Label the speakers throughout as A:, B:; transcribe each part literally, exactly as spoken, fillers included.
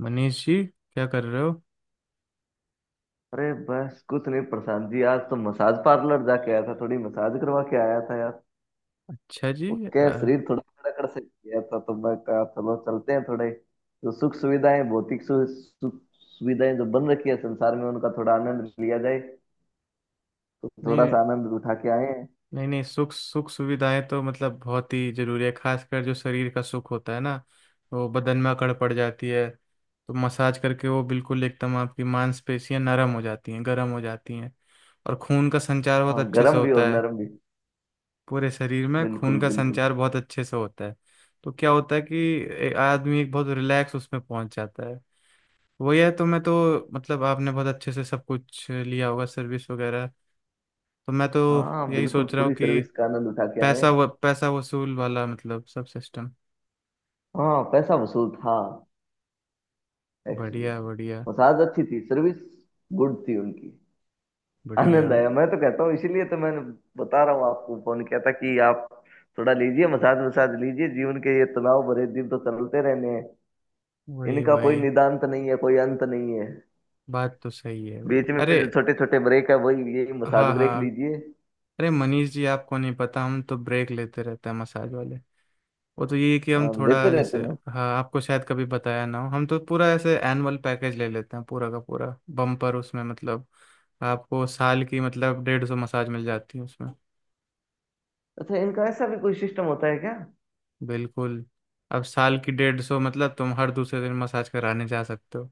A: मनीष जी क्या कर रहे हो।
B: अरे बस कुछ नहीं प्रशांत जी, आज तो मसाज पार्लर जाके आया था। थोड़ी मसाज करवा के आया था यार।
A: अच्छा जी
B: वो क्या है,
A: अ,
B: शरीर थोड़ा कड़कड़ से गया था तो मैं कहा चलो चलते हैं थोड़े। जो सुख सुविधाएं, भौतिक सु, सुख सुविधाएं जो बन रखी है संसार में, उनका थोड़ा आनंद लिया जाए। तो थोड़ा
A: नहीं
B: सा आनंद उठा के आए हैं।
A: नहीं नहीं, सुख सुख सुविधाएं तो मतलब बहुत ही जरूरी है, खासकर जो शरीर का सुख होता है ना। वो बदन में अकड़ पड़ जाती है, तो मसाज करके वो बिल्कुल एकदम आपकी मांसपेशियां नरम हो जाती हैं, गर्म हो जाती हैं, और खून का संचार बहुत
B: हाँ,
A: अच्छे से
B: गर्म भी और
A: होता है।
B: नरम भी।
A: पूरे शरीर में खून
B: बिल्कुल
A: का
B: बिल्कुल।
A: संचार बहुत अच्छे से होता है। तो क्या होता है कि ए- आदमी एक बहुत रिलैक्स उसमें पहुंच जाता है। वही है, तो मैं तो मतलब आपने बहुत अच्छे से सब कुछ लिया होगा, सर्विस वगैरह। तो मैं तो
B: हाँ
A: यही
B: बिल्कुल,
A: सोच रहा
B: पूरी
A: हूँ कि
B: सर्विस का आनंद उठा के आए
A: पैसा
B: हैं।
A: व, पैसा वसूल वाला मतलब सब सिस्टम।
B: हाँ, पैसा वसूल था एक्चुअली।
A: बढ़िया, बढ़िया,
B: मसाज अच्छी थी, सर्विस गुड थी उनकी।
A: बढ़िया।
B: आनंद आया। मैं तो कहता हूँ, इसीलिए तो मैंने बता रहा हूँ आपको, फोन किया था कि आप थोड़ा लीजिए, मसाज वसाज लीजिए। जीवन के ये तनाव भरे दिन तो चलते रहने हैं,
A: वही,
B: इनका कोई
A: वही।
B: निदान्त नहीं है, कोई अंत नहीं है।
A: बात तो सही है, वही।
B: बीच में
A: अरे,
B: जो छोटे छोटे ब्रेक है, वही यही मसाज
A: हाँ
B: ब्रेक
A: हाँ।
B: लीजिए।
A: अरे मनीष जी, आपको नहीं पता, हम तो ब्रेक लेते रहते हैं मसाज वाले। वो तो ये है कि हम
B: हाँ, लेते
A: थोड़ा
B: रहते
A: जैसे,
B: मैं।
A: हाँ, आपको शायद कभी बताया ना हो। हम तो पूरा ऐसे एनुअल पैकेज ले लेते हैं पूरा का पूरा बम्पर, उसमें मतलब आपको साल की मतलब डेढ़ सौ मसाज मिल जाती है उसमें।
B: अच्छा, इनका ऐसा भी कोई सिस्टम होता है क्या?
A: बिल्कुल। अब साल की डेढ़ सौ मतलब तुम हर दूसरे दिन मसाज कराने जा सकते हो।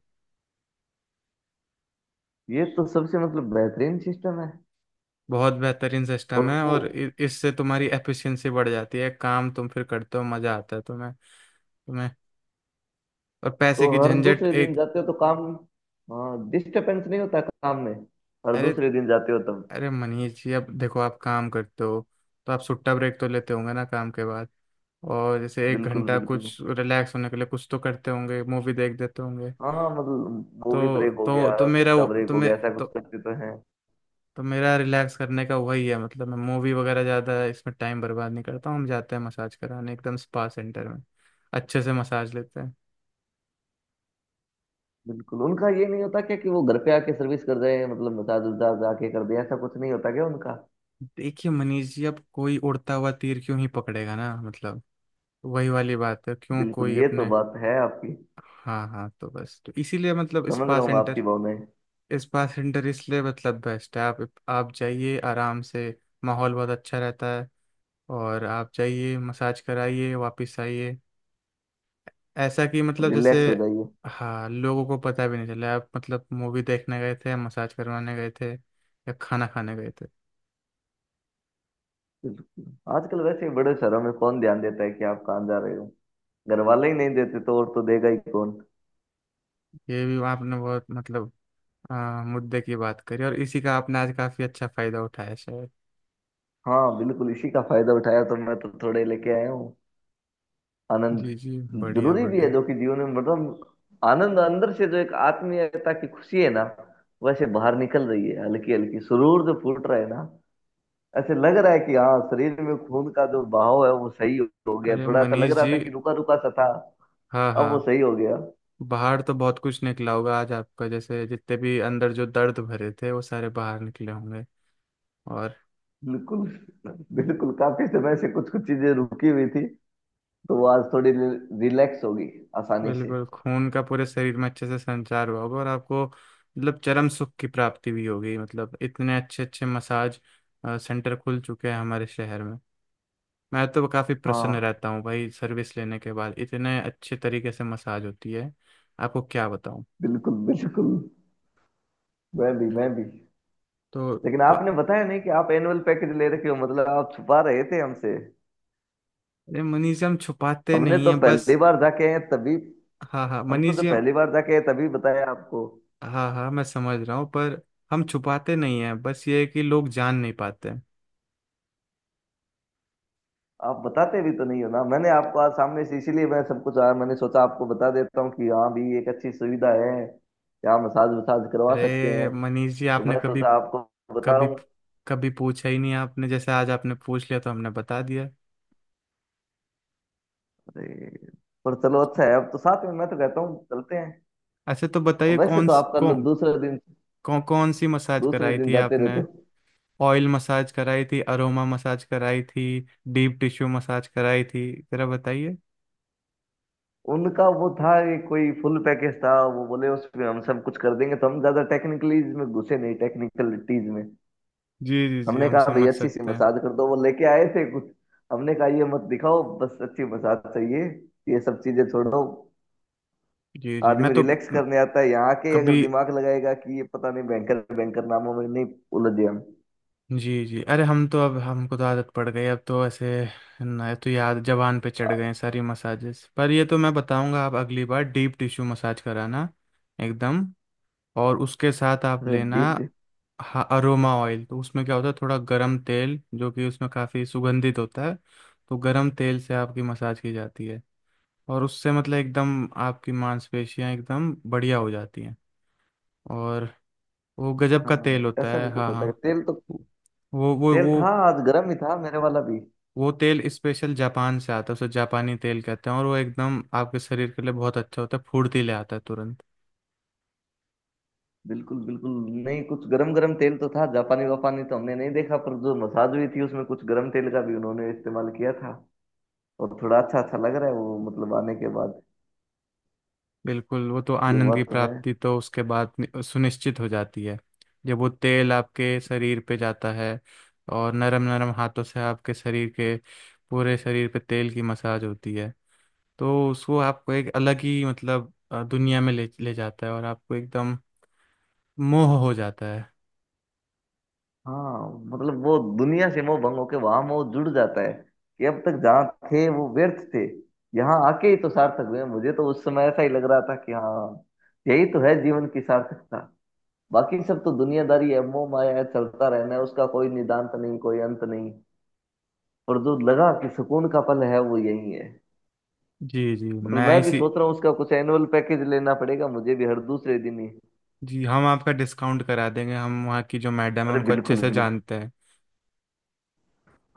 B: ये तो सबसे मतलब बेहतरीन सिस्टम है।
A: बहुत बेहतरीन सिस्टम
B: और
A: है,
B: वो,
A: और इ- इससे तुम्हारी एफिशिएंसी बढ़ जाती है, काम तुम फिर करते हो मजा आता है तुम्हें। तुम्हें और
B: तो
A: पैसे की
B: हर
A: झंझट
B: दूसरे दिन
A: एक,
B: जाते हो तो काम, हाँ डिस्टर्बेंस नहीं होता काम में। हर
A: अरे,
B: दूसरे दिन जाते हो तब?
A: अरे मनीष जी अब देखो, आप काम करते हो तो आप सुट्टा ब्रेक तो लेते होंगे ना काम के बाद, और जैसे एक
B: बिल्कुल
A: घंटा
B: बिल्कुल।
A: कुछ रिलैक्स होने के लिए कुछ तो करते होंगे, मूवी देख देते होंगे।
B: हाँ हाँ, मतलब वो भी
A: तो
B: ब्रेक हो
A: तो
B: गया,
A: तो मेरा
B: सुच्चा ब्रेक
A: तो
B: हो
A: मैं
B: गया, ऐसा कुछ
A: तो,
B: करते तो हैं।
A: तो मेरा रिलैक्स करने का वही है, मतलब मैं मूवी वगैरह ज़्यादा इसमें टाइम बर्बाद नहीं करता हूँ। हम जाते हैं मसाज कराने एकदम स्पा सेंटर में, अच्छे से मसाज लेते हैं।
B: बिल्कुल, उनका ये नहीं होता क्या कि वो घर पे आके सर्विस कर रहे हैं, मतलब मसाज उसाज आके कर दे, ऐसा कुछ नहीं होता क्या उनका?
A: देखिए मनीष जी, अब कोई उड़ता हुआ तीर क्यों ही पकड़ेगा ना, मतलब वही वाली बात है, क्यों
B: बिल्कुल,
A: कोई
B: ये तो
A: अपने।
B: बात है आपकी।
A: हाँ हाँ, तो बस तो इसीलिए मतलब
B: समझ
A: स्पा
B: रहा हूँ मैं आपकी
A: सेंटर
B: भावनाएं।
A: स्पा सेंटर इसलिए मतलब बेस्ट है। आप आप जाइए आराम से, माहौल बहुत अच्छा रहता है, और आप जाइए मसाज कराइए वापस आइए। ऐसा कि मतलब जैसे,
B: रिलैक्स हो जाइए।
A: हाँ लोगों को पता भी नहीं चला आप मतलब मूवी देखने गए थे, मसाज करवाने गए थे, या खाना खाने गए थे।
B: बिल्कुल, आजकल वैसे ही बड़े शहरों में कौन ध्यान देता है कि आप कहाँ जा रहे हो। घर वाले ही नहीं देते तो और तो देगा ही कौन।
A: ये भी आपने बहुत मतलब आ, मुद्दे की बात करी, और इसी का आपने आज काफ़ी अच्छा फायदा उठाया शायद।
B: हाँ बिल्कुल, इसी का फायदा उठाया तो मैं तो थोड़े लेके आया हूँ आनंद।
A: जी जी, बढ़िया
B: जरूरी भी है
A: बढ़िया।
B: जो कि जीवन में, मतलब आनंद अंदर से, जो एक आत्मीयता की खुशी है ना, वैसे बाहर निकल रही है। हल्की हल्की सुरूर जो फूट रहा है ना, ऐसे लग रहा है कि हाँ, शरीर में खून का जो बहाव है वो सही हो गया।
A: अरे
B: थोड़ा सा लग
A: मनीष
B: रहा था
A: जी,
B: कि रुका रुका सा था,
A: हाँ
B: अब वो
A: हाँ।
B: सही हो गया।
A: बाहर तो बहुत कुछ निकला होगा आज आपका, जैसे जितने भी अंदर जो दर्द भरे थे वो सारे बाहर निकले होंगे। और
B: बिल्कुल बिल्कुल, काफी समय से कुछ कुछ चीजें रुकी हुई थी, तो वो आज थोड़ी रिलैक्स होगी आसानी से।
A: बिल्कुल, खून का पूरे शरीर में अच्छे से संचार हुआ होगा, और आपको मतलब चरम सुख की प्राप्ति भी होगी, मतलब इतने अच्छे अच्छे मसाज अ, सेंटर खुल चुके हैं हमारे शहर में। मैं तो काफ़ी प्रसन्न
B: हाँ
A: रहता हूँ भाई, सर्विस लेने के बाद इतने अच्छे तरीके से मसाज होती है, आपको क्या बताऊँ।
B: बिल्कुल बिल्कुल। मैं भी मैं भी।
A: तो,
B: लेकिन
A: तो
B: आपने बताया नहीं कि आप एनुअल पैकेज ले रखे हो, मतलब आप छुपा रहे थे हमसे।
A: अरे मनीष जी, हम छुपाते
B: हमने
A: नहीं
B: तो
A: है बस।
B: पहली बार जाके आए हैं तभी,
A: हाँ हाँ
B: हम तो
A: मनीष
B: जब
A: जी,
B: पहली बार जाके आए तभी बताया आपको।
A: हाँ हाँ, मैं समझ रहा हूँ, पर हम छुपाते नहीं हैं, बस ये है कि लोग जान नहीं पाते हैं।
B: आप बताते भी तो नहीं हो ना, मैंने आपको आज सामने से, इसीलिए मैं सब कुछ आया, मैंने सोचा आपको बता देता हूँ कि हाँ भी एक अच्छी सुविधा है, यहाँ मसाज वसाज करवा सकते
A: अरे
B: हैं। तो
A: मनीष जी, आपने
B: मैं
A: कभी,
B: सोचा आपको
A: कभी
B: बताऊं।
A: कभी पूछा ही नहीं आपने, जैसे आज आपने पूछ लिया तो हमने बता दिया।
B: अरे, पर चलो अच्छा है, अब तो साथ में मैं तो कहता हूँ चलते हैं।
A: ऐसे तो
B: अब
A: बताइए,
B: वैसे
A: कौन
B: तो आप कर लो
A: कौन
B: दूसरे दिन,
A: कौन कौन सी मसाज
B: दूसरे
A: कराई
B: दिन
A: थी
B: जाते
A: आपने?
B: रहते हो।
A: ऑयल मसाज कराई थी? अरोमा मसाज कराई थी? डीप टिश्यू मसाज कराई थी? जरा बताइए।
B: उनका वो था कि कोई फुल पैकेज था, वो बोले उसमें हम सब कुछ कर देंगे, तो हम ज्यादा टेक्निकलीज में घुसे नहीं, टेक्निकलिटीज में।
A: जी जी जी,
B: हमने
A: हम
B: कहा भाई
A: समझ
B: अच्छी सी
A: सकते हैं।
B: मसाज कर दो। वो लेके आए थे कुछ, हमने कहा ये मत दिखाओ, बस अच्छी मसाज चाहिए, ये सब चीजें छोड़ो।
A: जी जी मैं
B: आदमी
A: तो
B: रिलैक्स करने आता है यहाँ के अगर
A: कभी,
B: दिमाग लगाएगा कि ये पता नहीं, बैंकर बैंकर नामों में नहीं उलझे हम।
A: जी जी, अरे हम तो, अब हमको तो आदत पड़ गई अब, तो ऐसे ना तो याद जबान पे चढ़ गए हैं सारी मसाजेस। पर ये तो मैं बताऊंगा, आप अगली बार डीप टिश्यू मसाज कराना एकदम, और उसके साथ आप
B: अरे
A: लेना
B: डीप,
A: हाँ अरोमा ऑयल। तो उसमें क्या होता है, थोड़ा गरम तेल जो कि उसमें काफ़ी सुगंधित होता है, तो गरम तेल से आपकी मसाज की जाती है, और उससे मतलब एकदम आपकी मांसपेशियां एकदम बढ़िया हो जाती हैं। और वो गजब का
B: हाँ।
A: तेल होता
B: ऐसा
A: है।
B: भी कुछ
A: हाँ
B: होता
A: हाँ।
B: है तेल तो।
A: वो वो
B: तेल था,
A: वो
B: आज गर्म ही था मेरे वाला भी।
A: वो तेल स्पेशल जापान से आता है, उसे जापानी तेल कहते हैं, और वो एकदम आपके शरीर के लिए बहुत अच्छा होता है, फुर्तीले आता है तुरंत।
B: बिल्कुल बिल्कुल। नहीं, कुछ गरम गरम तेल तो था, जापानी वापानी तो हमने नहीं देखा, पर जो मसाज हुई थी उसमें कुछ गरम तेल का भी उन्होंने इस्तेमाल किया था। और थोड़ा अच्छा अच्छा लग रहा है वो, मतलब आने के बाद।
A: बिल्कुल, वो तो
B: ये
A: आनंद
B: हुआ
A: की
B: तो है।
A: प्राप्ति तो उसके बाद नि- सुनिश्चित हो जाती है। जब वो तेल आपके शरीर पे जाता है और नरम नरम हाथों से आपके शरीर के पूरे शरीर पे तेल की मसाज होती है, तो उसको आपको एक अलग ही मतलब अ, दुनिया में ले ले जाता है, और आपको एकदम मोह हो जाता है।
B: हाँ, मतलब वो दुनिया से मोह भंग होके वहां मोह जुड़ जाता है। कि अब तक जहाँ थे वो व्यर्थ थे, यहाँ आके ही तो सार्थक हुए। मुझे तो उस समय ऐसा ही लग रहा था कि हाँ, यही तो है जीवन की सार्थकता। बाकी सब तो दुनियादारी है, मोह माया है, चलता रहना है, उसका कोई निदान्त नहीं, कोई अंत नहीं। और जो लगा कि सुकून का पल है, वो यही है।
A: जी जी
B: मतलब
A: मैं
B: मैं भी
A: इसी,
B: सोच रहा हूँ उसका कुछ एनुअल पैकेज लेना पड़ेगा मुझे भी, हर दूसरे दिन ही।
A: जी, हम आपका डिस्काउंट करा देंगे, हम वहाँ की जो मैडम है
B: अरे
A: उनको अच्छे
B: बिल्कुल
A: से
B: बिल्कुल।
A: जानते हैं।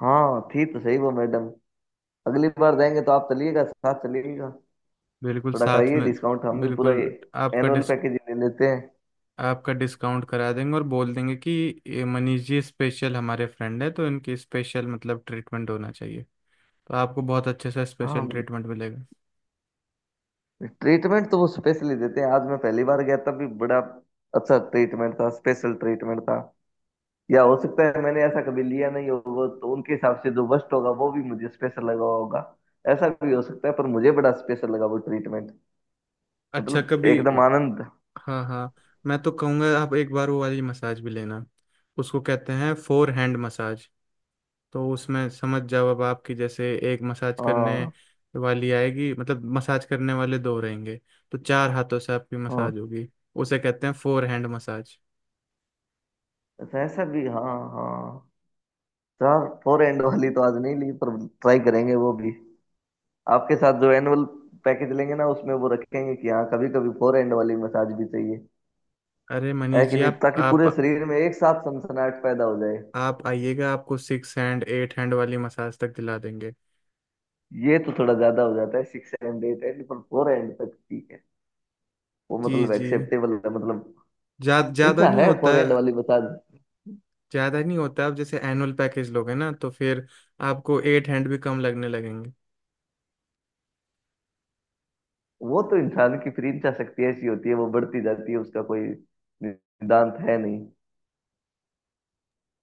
B: हाँ, थी तो सही वो मैडम। अगली बार जाएंगे तो आप चलिएगा, साथ चलिएगा।
A: बिल्कुल
B: थोड़ा
A: साथ
B: कराइए
A: में।
B: डिस्काउंट, हम भी पूरा
A: बिल्कुल। आपका
B: एनुअल
A: डिस
B: पैकेज ले लेते हैं।
A: आपका डिस्काउंट करा देंगे, और बोल देंगे कि ये मनीष जी स्पेशल हमारे फ्रेंड है, तो इनकी स्पेशल मतलब ट्रीटमेंट होना चाहिए, तो आपको बहुत अच्छे से
B: हाँ
A: स्पेशल
B: बिल्कुल।
A: ट्रीटमेंट मिलेगा।
B: ट्रीटमेंट तो वो स्पेशली देते हैं, आज मैं पहली बार गया तब भी बड़ा अच्छा ट्रीटमेंट था, स्पेशल ट्रीटमेंट था। या हो सकता है मैंने ऐसा कभी लिया नहीं होगा तो उनके हिसाब से जो वर्स्ट होगा वो भी मुझे स्पेशल लगा होगा, ऐसा भी हो सकता है। पर मुझे बड़ा स्पेशल लगा वो ट्रीटमेंट,
A: अच्छा
B: मतलब
A: कभी,
B: एकदम आनंद।
A: हाँ हाँ, मैं तो कहूँगा आप एक बार वो वाली मसाज भी लेना, उसको कहते हैं फोर हैंड मसाज। तो उसमें समझ जाओ, अब आपकी जैसे एक मसाज करने
B: हाँ
A: वाली आएगी, मतलब मसाज करने वाले दो रहेंगे, तो चार हाथों से आपकी
B: हाँ।
A: मसाज होगी, उसे कहते हैं फोर हैंड मसाज।
B: ऐसा ऐसा भी, हाँ हाँ। चार, फोर एंड वाली तो आज नहीं ली, पर ट्राई करेंगे वो भी। आपके साथ जो एनुअल पैकेज लेंगे ना, उसमें वो रखेंगे कि हाँ कभी कभी फोर एंड वाली मसाज भी चाहिए।
A: अरे
B: है
A: मनीष
B: कि
A: जी,
B: नहीं,
A: आप
B: ताकि
A: आप
B: पूरे शरीर में एक साथ सनसनाहट पैदा हो जाए।
A: आप आइएगा, आपको सिक्स हैंड एट हैंड वाली मसाज तक दिला देंगे।
B: ये तो थोड़ा ज्यादा हो जाता है सिक्स एंड एट एंड, पर फोर एंड तक ठीक है। वो
A: जी
B: मतलब
A: जी,
B: एक्सेप्टेबल है मतलब।
A: जा, ज्यादा
B: इंचा
A: नहीं
B: है
A: होता
B: फोर
A: है।
B: एंड वाली, बता।
A: ज्यादा नहीं होता है। आप जैसे एनुअल पैकेज लोगे ना, तो फिर आपको एट हैंड भी कम लगने लगेंगे।
B: वो तो इंसान की फ्री इंचा शक्ति ऐसी होती है, वो बढ़ती जाती है, उसका कोई सिद्धांत है नहीं।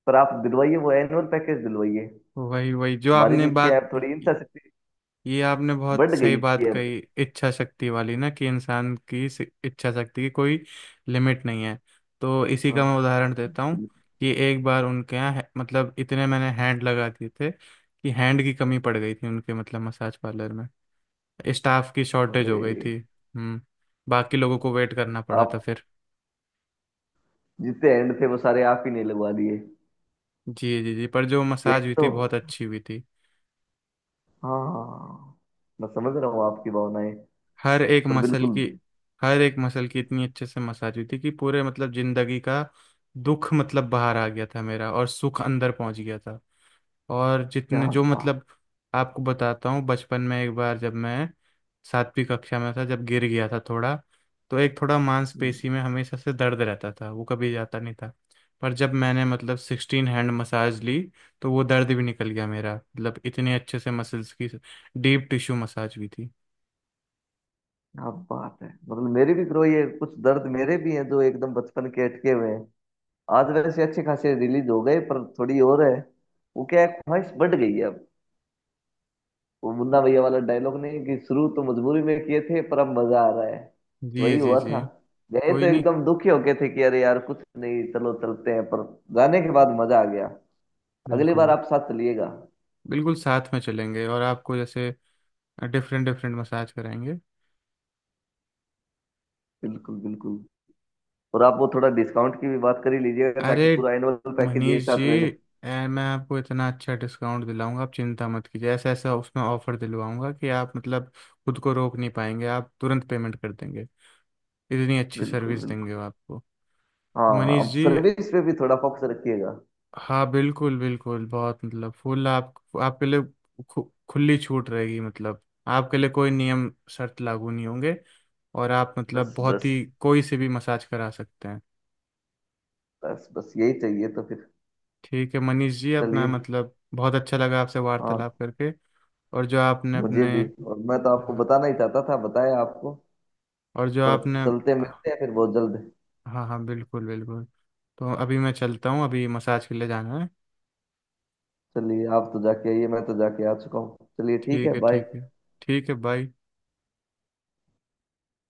B: पर आप दिलवाइए वो एनुअल पैकेज दिलवाइए,
A: वही वही जो
B: हमारी
A: आपने
B: भी क्या
A: बात,
B: है थोड़ी इंचा शक्ति
A: ये आपने बहुत
B: बढ़
A: सही
B: गई
A: बात
B: है अब।
A: कही, इच्छा शक्ति वाली, ना कि इंसान की सि- इच्छा शक्ति की कोई लिमिट नहीं है। तो इसी
B: हाँ,
A: का मैं उदाहरण देता हूँ
B: बिल्कुल।
A: कि एक बार उनके यहाँ है- मतलब इतने मैंने हैंड लगा दिए थे कि हैंड की कमी पड़ गई थी उनके मतलब मसाज पार्लर में, स्टाफ की शॉर्टेज
B: अरे
A: हो गई थी। हम्म, बाकी लोगों को वेट करना पड़ा था
B: आप
A: फिर।
B: जितने एंड थे वो सारे आप ही ने लगवा दिए।
A: जी जी जी, पर जो मसाज
B: यही
A: हुई
B: तो,
A: थी बहुत अच्छी हुई थी।
B: हाँ। मैं समझ रहा हूँ आपकी भावनाएं,
A: हर एक
B: पर
A: मसल
B: बिल्कुल।
A: की हर एक मसल की इतनी अच्छे से मसाज हुई थी कि पूरे मतलब जिंदगी का दुख मतलब बाहर आ गया था मेरा, और सुख अंदर पहुंच गया था, और जितने
B: क्या
A: जो
B: बात
A: मतलब आपको बताता हूँ। बचपन में एक बार जब मैं सातवीं कक्षा में था, जब गिर गया था थोड़ा, तो एक थोड़ा मांसपेशी में हमेशा से दर्द रहता था वो कभी जाता नहीं था। पर जब मैंने मतलब सिक्सटीन हैंड मसाज ली, तो वो दर्द भी निकल गया मेरा, मतलब इतने अच्छे से मसल्स की डीप टिश्यू मसाज हुई थी।
B: क्या बात है मतलब, मेरे भी ग्रो ये कुछ दर्द मेरे भी हैं जो एकदम बचपन के अटके हुए हैं। आज वैसे अच्छे खासे रिलीज हो गए, पर थोड़ी और है। वो क्या है, ख्वाहिश बढ़ गई है अब। वो मुन्ना भैया वाला डायलॉग नहीं कि शुरू तो मजबूरी में किए थे पर अब मजा आ रहा है।
A: जी
B: वही
A: जी
B: हुआ
A: जी,
B: था, गए तो
A: कोई नहीं,
B: एकदम दुखी होके थे कि अरे यार कुछ नहीं चलो चलते हैं, पर जाने के बाद मजा आ गया। अगली बार
A: बिल्कुल।
B: आप साथ चलिएगा।
A: बिल्कुल साथ में चलेंगे और आपको जैसे डिफरेंट डिफरेंट मसाज कराएंगे।
B: बिल्कुल बिल्कुल। और आप वो थोड़ा डिस्काउंट की भी बात कर ही लीजिएगा, ताकि
A: अरे
B: पूरा एनुअल पैकेज एक
A: मनीष जी,
B: साथ ले लें।
A: ए, मैं आपको इतना अच्छा डिस्काउंट दिलाऊंगा, आप चिंता मत कीजिए, ऐसा ऐसा उसमें ऑफर दिलवाऊंगा कि आप मतलब खुद को रोक नहीं पाएंगे, आप तुरंत पेमेंट कर देंगे, इतनी अच्छी
B: बिल्कुल
A: सर्विस
B: बिल्कुल।
A: देंगे वो आपको।
B: हाँ,
A: मनीष
B: अब
A: जी,
B: सर्विस पे भी थोड़ा फोकस रखिएगा।
A: हाँ बिल्कुल बिल्कुल, बहुत मतलब फुल आप, आपके लिए खु, खुली छूट रहेगी, मतलब आपके लिए कोई नियम शर्त लागू नहीं होंगे, और आप मतलब
B: बस
A: बहुत
B: बस,
A: ही कोई से भी मसाज करा सकते हैं।
B: बस बस, यही चाहिए तो फिर।
A: ठीक है मनीष जी, अब मैं
B: चलिए,
A: मतलब बहुत अच्छा लगा आपसे
B: हाँ,
A: वार्तालाप करके, और जो आपने
B: मुझे
A: अपने,
B: भी। और मैं तो आपको
A: हाँ,
B: बताना ही चाहता था, बताया आपको।
A: और जो
B: पर
A: आपने,
B: चलते, मिलते हैं फिर बहुत जल्द।
A: हाँ हाँ बिल्कुल बिल्कुल। तो अभी मैं चलता हूँ, अभी मसाज के लिए जाना है।
B: चलिए, आप तो जाके आइए, मैं तो जाके आ चुका हूँ। चलिए, ठीक है,
A: ठीक है ठीक
B: बाय।
A: है, ठीक है बाय।